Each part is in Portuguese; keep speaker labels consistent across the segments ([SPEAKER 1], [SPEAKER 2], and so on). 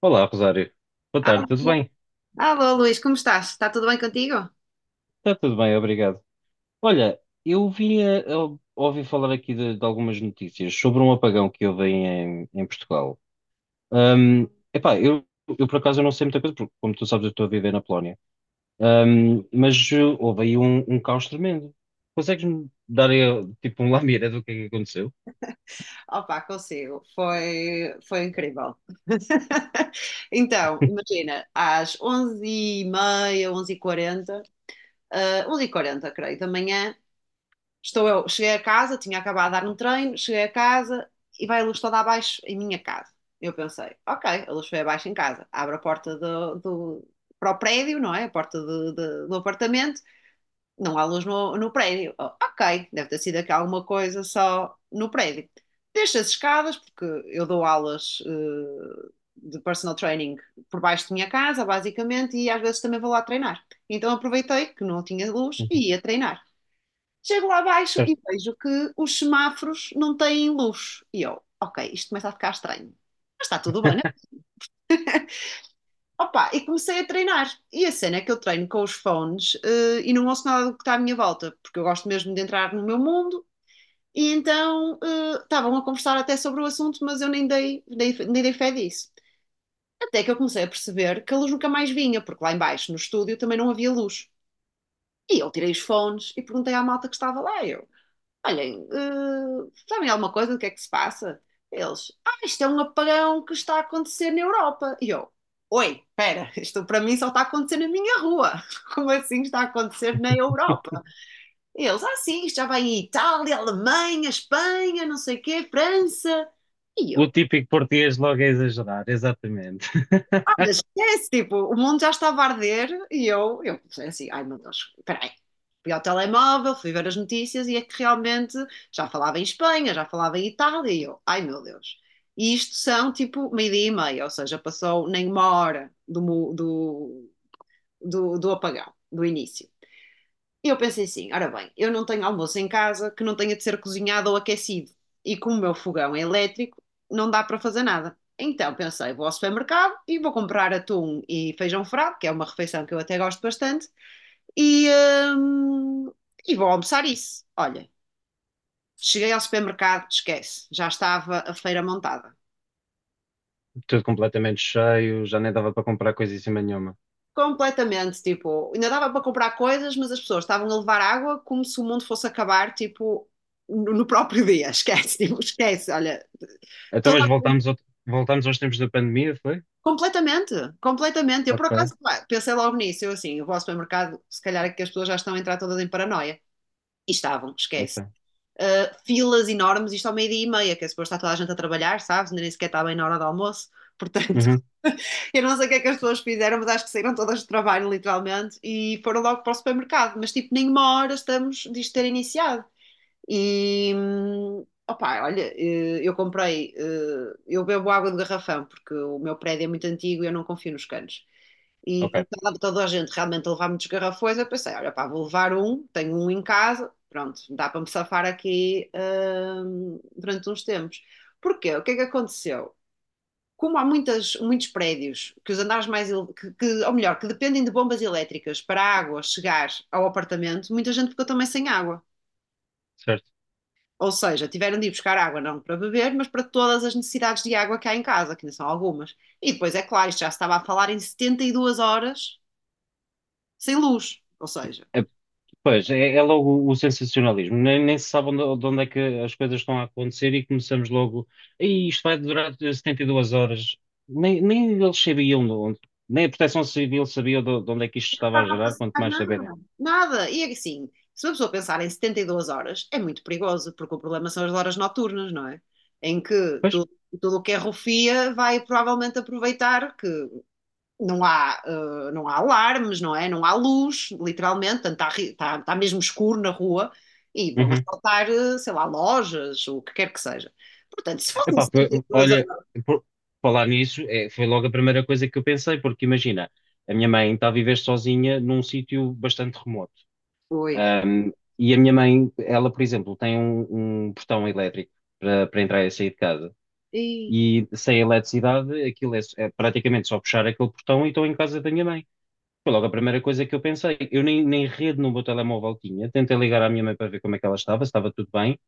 [SPEAKER 1] Olá, Rosário. Boa tarde, tudo
[SPEAKER 2] Alô,
[SPEAKER 1] bem?
[SPEAKER 2] alô, Luís, como estás? Está tudo bem contigo?
[SPEAKER 1] Está tudo bem, obrigado. Olha, eu ouvi falar aqui de algumas notícias sobre um apagão que houve em Portugal. Ahm, epá, eu por acaso eu não sei muita coisa, porque como tu sabes eu estou a viver na Polónia. Mas houve aí um caos tremendo. Consegues-me dar aí, tipo um lamiré do que é que aconteceu?
[SPEAKER 2] Opa, consigo. Foi incrível. Então, imagina, às 11h30, 11h40, 11h40, creio, da manhã. Estou eu, cheguei a casa, tinha acabado de dar um treino, cheguei a casa e vai a luz toda abaixo em minha casa. Eu pensei, ok, a luz foi abaixo em casa, abro a porta para o prédio, não é? A porta do apartamento, não há luz no prédio. Oh, ok, deve ter sido aqui alguma coisa só no prédio. Deixo as escadas, porque eu dou aulas de personal training por baixo da minha casa, basicamente, e às vezes também vou lá treinar. Então aproveitei que não tinha luz
[SPEAKER 1] Uhum.
[SPEAKER 2] e ia treinar. Chego lá abaixo e
[SPEAKER 1] Certo.
[SPEAKER 2] vejo que os semáforos não têm luz. E eu, ok, isto começa a ficar estranho. Mas está tudo bem. Opa, e comecei a treinar. E a cena é que eu treino com os fones, e não ouço nada do que está à minha volta, porque eu gosto mesmo de entrar no meu mundo. E então, estavam a conversar até sobre o assunto, mas eu nem nem dei fé disso. Até que eu comecei a perceber que a luz nunca mais vinha, porque lá embaixo no estúdio também não havia luz. E eu tirei os fones e perguntei à malta que estava lá. Eu, olhem, sabem alguma coisa do que é que se passa? Eles, ah, isto é um apagão que está a acontecer na Europa. E eu, oi, espera, isto para mim só está a acontecer na minha rua. Como assim está a acontecer na Europa? E eles, ah, sim, isto já vai em Itália, Alemanha, Espanha, não sei o quê, França. E
[SPEAKER 1] O
[SPEAKER 2] eu,
[SPEAKER 1] típico português logo a exagerar, exatamente.
[SPEAKER 2] esquece, tipo, o mundo já estava a arder e eu pensei assim, ai meu Deus, espera aí. Fui ao telemóvel, fui ver as notícias e é que realmente já falava em Espanha, já falava em Itália e eu, ai meu Deus. E isto são tipo meio-dia e meia, ou seja, passou nem uma hora do apagão, do início. E eu pensei assim: ora bem, eu não tenho almoço em casa que não tenha de ser cozinhado ou aquecido. E como o meu fogão é elétrico, não dá para fazer nada. Então pensei: vou ao supermercado e vou comprar atum e feijão frado, que é uma refeição que eu até gosto bastante, e, hum, e vou almoçar isso. Olha, cheguei ao supermercado, esquece, já estava a feira montada.
[SPEAKER 1] Tudo completamente cheio, já nem dava para comprar coisa em cima nenhuma.
[SPEAKER 2] Completamente, tipo, ainda dava para comprar coisas, mas as pessoas estavam a levar água como se o mundo fosse acabar, tipo, no próprio dia, esquece, tipo, esquece, olha,
[SPEAKER 1] Então,
[SPEAKER 2] Toda-
[SPEAKER 1] mas voltamos aos tempos da pandemia, foi?
[SPEAKER 2] completamente, completamente. Eu, por
[SPEAKER 1] Ok,
[SPEAKER 2] acaso, pá, pensei logo nisso. Eu, assim, eu vou ao supermercado, se calhar é que as pessoas já estão a entrar todas em paranoia. E estavam, esquece.
[SPEAKER 1] ok.
[SPEAKER 2] Filas enormes, isto ao meio-dia e meia, que é suposto estar toda a gente a trabalhar, sabes? Ainda nem sequer está bem na hora do almoço. Portanto,
[SPEAKER 1] Uhum,
[SPEAKER 2] eu não sei o que é que as pessoas fizeram, mas acho que saíram todas do trabalho, literalmente, e foram logo para o supermercado. Mas, tipo, nem uma hora estamos disto ter iniciado. E opá, olha, eu comprei, eu bebo água de garrafão porque o meu prédio é muito antigo e eu não confio nos canos. E como
[SPEAKER 1] ok,
[SPEAKER 2] estava toda a gente realmente a levar muitos garrafões, eu pensei, olha, pá, vou levar um, tenho um em casa, pronto, dá para me safar aqui, durante uns tempos. Porquê? O que é que aconteceu? Como há muitas, muitos prédios que os andares mais, ou melhor, que dependem de bombas elétricas para a água chegar ao apartamento, muita gente ficou também sem água.
[SPEAKER 1] certo.
[SPEAKER 2] Ou seja, tiveram de ir buscar água não para beber, mas para todas as necessidades de água que há em casa, que ainda são algumas. E depois, é claro, isto já se estava a falar em 72 horas sem luz. Ou seja,
[SPEAKER 1] É. Pois, é logo o sensacionalismo. Nem se sabe de onde é que as coisas estão a acontecer e começamos logo. E isto vai durar 72 horas. Nem eles sabiam de onde. Nem a Proteção Civil sabia de onde é que isto
[SPEAKER 2] não
[SPEAKER 1] estava a
[SPEAKER 2] estava a
[SPEAKER 1] gerar, quanto
[SPEAKER 2] passar
[SPEAKER 1] mais saberem.
[SPEAKER 2] nada. Nada. E assim, se uma pessoa pensar em 72 horas, é muito perigoso, porque o problema são as horas noturnas, não é? Em que
[SPEAKER 1] Pois?
[SPEAKER 2] tudo o que é rufia vai provavelmente aproveitar que não há alarmes, não é? Não há luz, literalmente, portanto, está mesmo escuro na rua e vão
[SPEAKER 1] Uhum.
[SPEAKER 2] assaltar, sei lá, lojas, o que quer que seja. Portanto, se fossem
[SPEAKER 1] Epá,
[SPEAKER 2] 72
[SPEAKER 1] olha,
[SPEAKER 2] horas.
[SPEAKER 1] por falar nisso, é, foi logo a primeira coisa que eu pensei, porque imagina. A minha mãe está a viver sozinha num sítio bastante remoto.
[SPEAKER 2] Oi.
[SPEAKER 1] Um, e a minha mãe, ela, por exemplo, tem um portão elétrico para entrar e sair de casa.
[SPEAKER 2] E,
[SPEAKER 1] E sem eletricidade, aquilo é praticamente só puxar aquele portão e estou em casa da minha mãe. Foi logo a primeira coisa que eu pensei. Eu nem rede no meu telemóvel tinha. Tentei ligar à minha mãe para ver como é que ela estava, se estava tudo bem.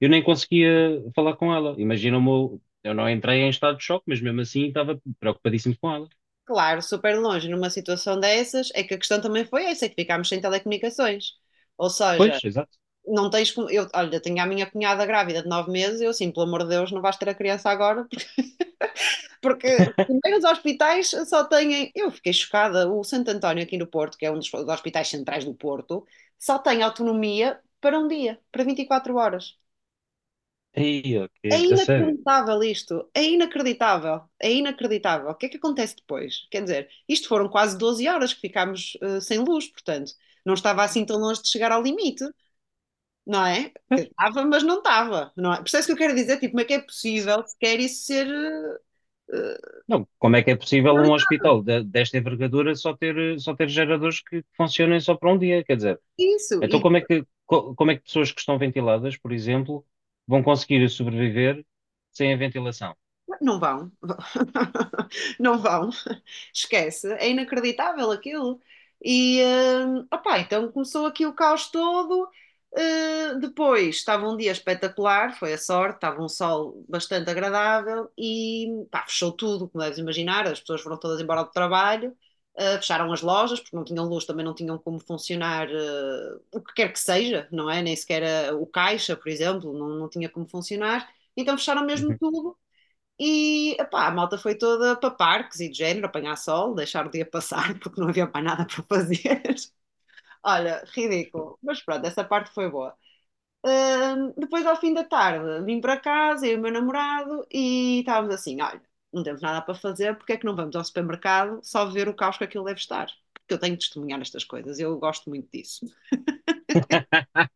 [SPEAKER 1] Eu nem conseguia falar com ela. Imagina o meu. Eu não entrei em estado de choque, mas mesmo assim estava preocupadíssimo com ela.
[SPEAKER 2] claro, super longe numa situação dessas, é que a questão também foi essa, é que ficámos sem telecomunicações. Ou seja,
[SPEAKER 1] Pois, exato.
[SPEAKER 2] não tens como. Eu, olha, tenho a minha cunhada grávida de 9 meses, eu assim, pelo amor de Deus, não vais ter a criança agora, porque primeiro os hospitais só têm. Eu fiquei chocada. O Santo António, aqui no Porto, que é um dos hospitais centrais do Porto, só tem autonomia para um dia, para 24 horas.
[SPEAKER 1] Ei,
[SPEAKER 2] É
[SPEAKER 1] ok, a sério.
[SPEAKER 2] inacreditável isto. É inacreditável. É inacreditável. O que é que acontece depois? Quer dizer, isto foram quase 12 horas que ficámos, sem luz, portanto, não estava
[SPEAKER 1] Pois,
[SPEAKER 2] assim tão longe de chegar ao limite, não é? Que
[SPEAKER 1] pois.
[SPEAKER 2] estava, mas não estava, não é? Percebes o que eu quero dizer? Tipo, como é que é possível sequer isso ser,
[SPEAKER 1] Não, como é que é possível
[SPEAKER 2] eh,
[SPEAKER 1] um hospital desta envergadura só ter geradores que funcionem só para um dia? Quer dizer,
[SPEAKER 2] isso?
[SPEAKER 1] então
[SPEAKER 2] E
[SPEAKER 1] como é que pessoas que estão ventiladas, por exemplo, vão conseguir sobreviver sem a ventilação?
[SPEAKER 2] não vão, não vão, esquece, é inacreditável aquilo. E, opá, então começou aqui o caos todo. Depois estava um dia espetacular, foi a sorte, estava um sol bastante agradável e pá, fechou tudo, como deves imaginar. As pessoas foram todas embora do trabalho, fecharam as lojas porque não tinham luz, também não tinham como funcionar, o que quer que seja, não é? Nem sequer o caixa, por exemplo, não, não tinha como funcionar. Então fecharam mesmo
[SPEAKER 1] Uhum.
[SPEAKER 2] tudo e epá, a malta foi toda para parques e de género, apanhar sol, deixar o dia passar porque não havia mais nada para fazer. Olha, ridículo. Mas pronto, essa parte foi boa. Depois, ao fim da tarde, vim para casa, eu e o meu namorado, e estávamos assim: olha, não temos nada para fazer, porque é que não vamos ao supermercado só ver o caos que aquilo deve estar? Porque eu tenho de testemunhar estas coisas, eu gosto muito disso.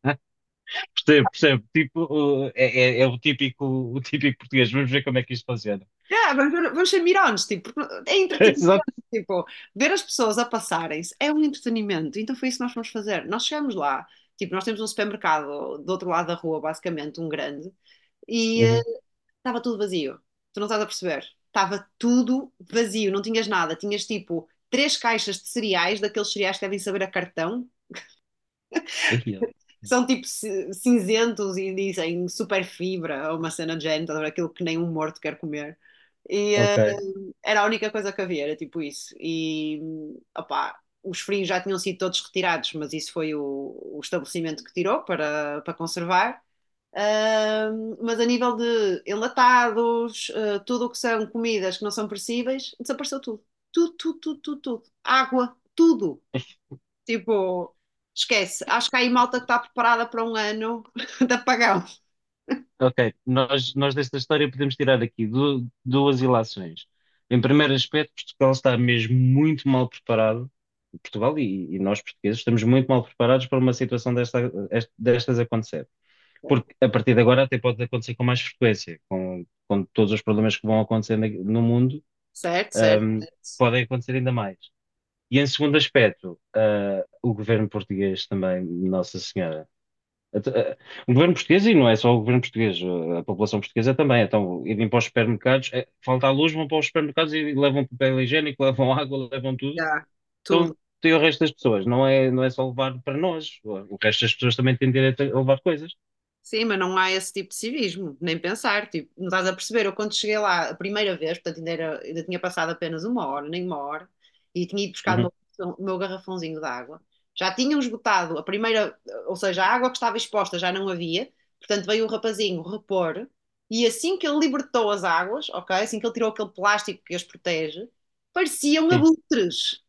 [SPEAKER 1] Percebo, percebo. Tipo, uh, é, é o típico português. Vamos ver como é que isto funciona.
[SPEAKER 2] Yeah, vamos ver, vamos ser mirões, tipo, é
[SPEAKER 1] Exato.
[SPEAKER 2] entretenimento, tipo, ver as pessoas a passarem-se é um entretenimento, então foi isso que nós fomos fazer. Nós chegamos lá, tipo, nós temos um supermercado do outro lado da rua, basicamente, um grande, e
[SPEAKER 1] Uhum.
[SPEAKER 2] estava tudo vazio, tu não estás a perceber, estava tudo vazio, não tinhas nada, tinhas tipo três caixas de cereais, daqueles cereais que devem saber a cartão,
[SPEAKER 1] Aí,
[SPEAKER 2] que são tipo cinzentos e dizem super fibra, ou uma cena de género, estás a ver? Aquilo que nem um morto quer comer. E,
[SPEAKER 1] ok,
[SPEAKER 2] era a única coisa que havia, era tipo isso. E, opá, os frios já tinham sido todos retirados, mas isso foi o estabelecimento que tirou para conservar. Mas a nível de enlatados, tudo o que são comidas que não são perecíveis, desapareceu tudo. Tudo, tudo, tudo, tudo, tudo. Água, tudo. Tipo, esquece. Acho que há aí malta que está preparada para um ano de apagão.
[SPEAKER 1] ok. Nós desta história podemos tirar aqui duas ilações. Em primeiro aspecto, Portugal está mesmo muito mal preparado. Portugal e nós portugueses estamos muito mal preparados para uma situação desta, destas acontecer. Porque a partir de agora até pode acontecer com mais frequência, com todos os problemas que vão acontecer no mundo,
[SPEAKER 2] Certo, certo,
[SPEAKER 1] ahm,
[SPEAKER 2] certo.
[SPEAKER 1] podem acontecer ainda mais. E em segundo aspecto, o governo português também, Nossa Senhora. Até- ah, O governo português, e não é só o governo português, a população portuguesa também. Então, irem para os supermercados, falta a luz, vão para os supermercados e levam papel higiênico, levam água, levam tudo.
[SPEAKER 2] Já, tudo.
[SPEAKER 1] Então, tem o resto das pessoas, não é só levar para nós. O resto das pessoas também têm direito a levar coisas.
[SPEAKER 2] Sim, mas não há esse tipo de civismo, nem pensar, tipo, não estás a perceber, eu quando cheguei lá a primeira vez, portanto ainda, ainda tinha passado apenas uma hora, nem uma hora, e tinha ido buscar o
[SPEAKER 1] Uhum,
[SPEAKER 2] meu, o meu garrafãozinho de água, já tinham esgotado a primeira, ou seja, a água que estava exposta já não havia, portanto veio o rapazinho repor, e assim que ele libertou as águas, ok, assim que ele tirou aquele plástico que as protege, pareciam
[SPEAKER 1] sim.
[SPEAKER 2] abutres.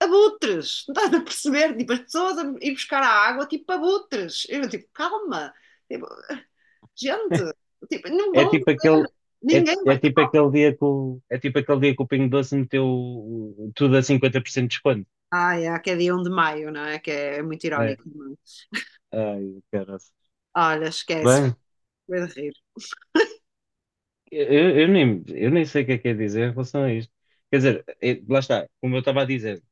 [SPEAKER 2] Abutres, não estás a perceber? Tipo, as pessoas a ir buscar a água, tipo abutres. Eu, tipo, calma. Tipo, gente, tipo, não
[SPEAKER 1] É
[SPEAKER 2] vão,
[SPEAKER 1] tipo aquele, é,
[SPEAKER 2] ninguém
[SPEAKER 1] é
[SPEAKER 2] vai.
[SPEAKER 1] tipo aquele dia que o, é tipo aquele dia que o Pingo Doce meteu tudo a 50% de desconto.
[SPEAKER 2] Ah, é, que é dia 1 de maio, não é? Que é muito
[SPEAKER 1] É.
[SPEAKER 2] irónico, não é?
[SPEAKER 1] Ai, caralho.
[SPEAKER 2] Olha, esquece,
[SPEAKER 1] Bem,
[SPEAKER 2] foi de rir.
[SPEAKER 1] eu nem sei o que é dizer em relação a isto. Quer dizer, lá está, como eu estava a dizer,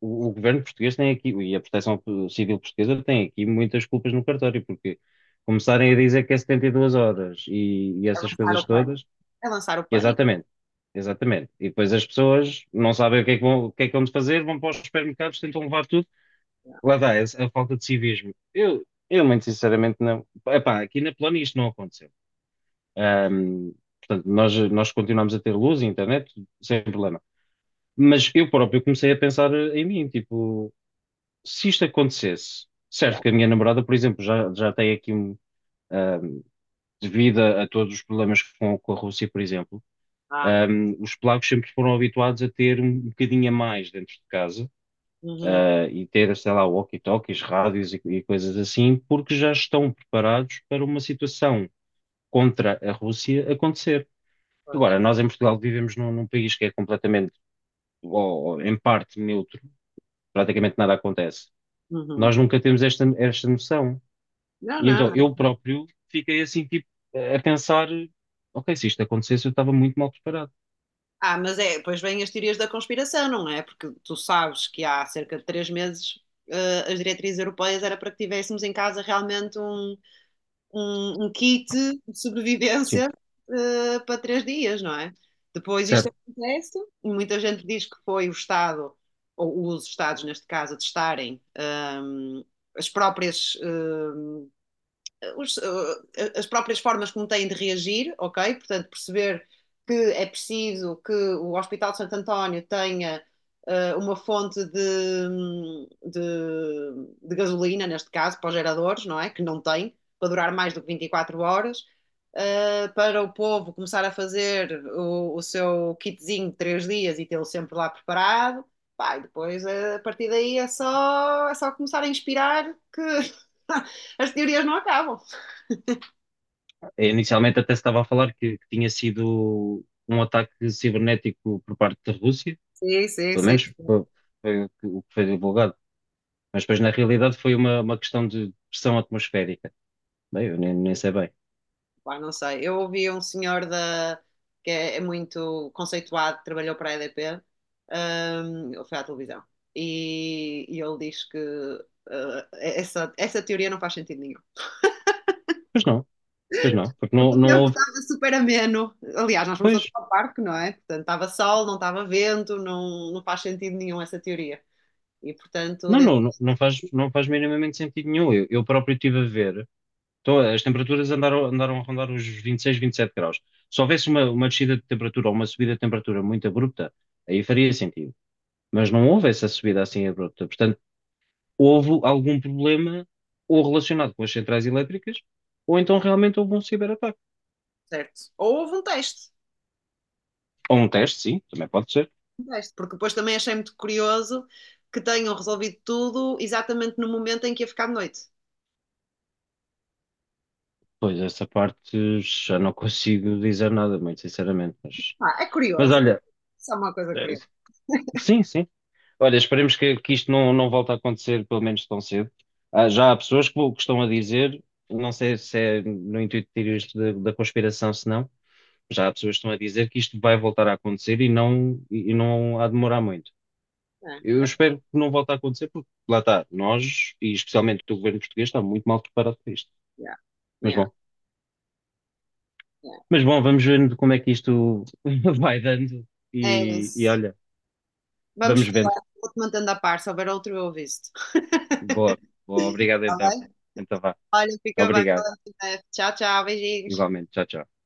[SPEAKER 1] o governo português tem aqui, e a Proteção Civil Portuguesa tem aqui muitas culpas no cartório, porque começarem a dizer que é 72 horas e
[SPEAKER 2] É
[SPEAKER 1] essas
[SPEAKER 2] lançar
[SPEAKER 1] coisas
[SPEAKER 2] o pânico.
[SPEAKER 1] todas,
[SPEAKER 2] É lançar o pânico.
[SPEAKER 1] exatamente, exatamente. E depois as pessoas não sabem o que é que vão fazer, vão para os supermercados, tentam levar tudo.
[SPEAKER 2] Yeah,
[SPEAKER 1] Lá dá, a falta de civismo. Eu muito sinceramente não. Epá, aqui na Polónia isto não aconteceu. Ahm, Portanto, nós continuamos a ter luz e internet sem problema. Mas eu próprio comecei a pensar em mim, tipo, se isto acontecesse,
[SPEAKER 2] yeah.
[SPEAKER 1] certo que a minha namorada, por exemplo, já tem aqui um, um, devido a todos os problemas com a Rússia, por exemplo,
[SPEAKER 2] Ah,
[SPEAKER 1] os polacos sempre foram habituados a ter um bocadinho a mais dentro de casa,
[SPEAKER 2] uhum,
[SPEAKER 1] e ter, sei lá, walkie-talkies, rádios e coisas assim, porque já estão preparados para uma situação contra a Rússia acontecer.
[SPEAKER 2] pois,
[SPEAKER 1] Agora, nós em Portugal vivemos num país que é completamente, ou em parte, neutro, praticamente nada acontece.
[SPEAKER 2] uhum.
[SPEAKER 1] Nós nunca temos esta noção.
[SPEAKER 2] Não,
[SPEAKER 1] E
[SPEAKER 2] não,
[SPEAKER 1] então
[SPEAKER 2] não.
[SPEAKER 1] eu próprio fiquei assim, tipo, a pensar: ok, se isto acontecesse, eu estava muito mal preparado.
[SPEAKER 2] Ah, mas é, depois vêm as teorias da conspiração, não é? Porque tu sabes que há cerca de 3 meses, as diretrizes europeias era para que tivéssemos em casa realmente um kit de
[SPEAKER 1] Sim,
[SPEAKER 2] sobrevivência, para 3 dias, não é? Depois isto
[SPEAKER 1] certo.
[SPEAKER 2] acontece, e muita gente diz que foi o Estado, ou os Estados neste caso, a testarem, hum, as próprias, os, as próprias formas como têm de reagir, ok? Portanto, perceber que é preciso que o Hospital de Santo António tenha, uma fonte de gasolina, neste caso, para os geradores, não é? Que não tem, para durar mais do que 24 horas, para o povo começar a fazer o seu kitzinho de 3 dias e tê-lo sempre lá preparado. Pá, e depois, a partir daí, é só começar a inspirar que as teorias não acabam.
[SPEAKER 1] É, inicialmente até se estava a falar que tinha sido um ataque cibernético por parte da Rússia,
[SPEAKER 2] Sim, sim,
[SPEAKER 1] pelo
[SPEAKER 2] sim.
[SPEAKER 1] menos foi o que foi divulgado. Mas depois, na realidade, foi uma questão de pressão atmosférica. Bem, eu nem sei bem.
[SPEAKER 2] Pá, não sei. Eu ouvi um senhor da, que é muito conceituado, trabalhou para a EDP, ele foi à televisão, e, ele diz que essa teoria não faz sentido nenhum.
[SPEAKER 1] Pois não, pois não, porque
[SPEAKER 2] Porque
[SPEAKER 1] não,
[SPEAKER 2] o
[SPEAKER 1] não
[SPEAKER 2] tempo
[SPEAKER 1] houve.
[SPEAKER 2] estava super ameno. Aliás, nós fomos
[SPEAKER 1] Pois,
[SPEAKER 2] todos para o parque, não é? Portanto, estava sol, não estava vento, não, não faz sentido nenhum essa teoria. E, portanto,
[SPEAKER 1] não,
[SPEAKER 2] desse.
[SPEAKER 1] não, não não faz minimamente sentido nenhum. Eu próprio estive a ver. Então, as temperaturas andaram a rondar os 26, 27 graus. Se houvesse uma descida de temperatura ou uma subida de temperatura muito abrupta, aí faria sentido. Mas não houve essa subida assim abrupta. Portanto, houve algum problema ou relacionado com as centrais elétricas, ou então realmente houve um ciberataque.
[SPEAKER 2] Certo. Ou houve um teste.
[SPEAKER 1] Ou um teste, sim, também pode ser.
[SPEAKER 2] Deste, porque depois também achei muito curioso que tenham resolvido tudo exatamente no momento em que ia ficar de noite.
[SPEAKER 1] Pois, essa parte já não consigo dizer nada, muito sinceramente. Mas,
[SPEAKER 2] Ah, é
[SPEAKER 1] mas
[SPEAKER 2] curioso, é
[SPEAKER 1] olha,
[SPEAKER 2] só uma coisa
[SPEAKER 1] eh,
[SPEAKER 2] curiosa.
[SPEAKER 1] sim, sim. Olha, esperemos que isto não volte a acontecer, pelo menos tão cedo. Ah, já há pessoas que estão a dizer, não sei se é no intuito de tirar isto da conspiração, se não, já há pessoas que estão a dizer que isto vai voltar a acontecer e não há de demorar muito.
[SPEAKER 2] É,
[SPEAKER 1] Eu
[SPEAKER 2] é,
[SPEAKER 1] espero que não volte a acontecer, porque lá está, nós, e especialmente o governo português, está muito mal preparado para isto.
[SPEAKER 2] yeah,
[SPEAKER 1] Mas
[SPEAKER 2] yeah,
[SPEAKER 1] bom,
[SPEAKER 2] yeah.
[SPEAKER 1] mas bom, vamos ver como é que isto vai dando
[SPEAKER 2] É
[SPEAKER 1] e
[SPEAKER 2] isso.
[SPEAKER 1] olha,
[SPEAKER 2] Vamos
[SPEAKER 1] vamos vendo.
[SPEAKER 2] falar, vou-te mantendo a par, se houver outro eu aviso-te.
[SPEAKER 1] Boa, boa, obrigado
[SPEAKER 2] Está
[SPEAKER 1] então.
[SPEAKER 2] bem?
[SPEAKER 1] Então vá,
[SPEAKER 2] Olha, fica bem.
[SPEAKER 1] obrigado,
[SPEAKER 2] Tchau, tchau, beijinhos.
[SPEAKER 1] igualmente, tchau, tchau.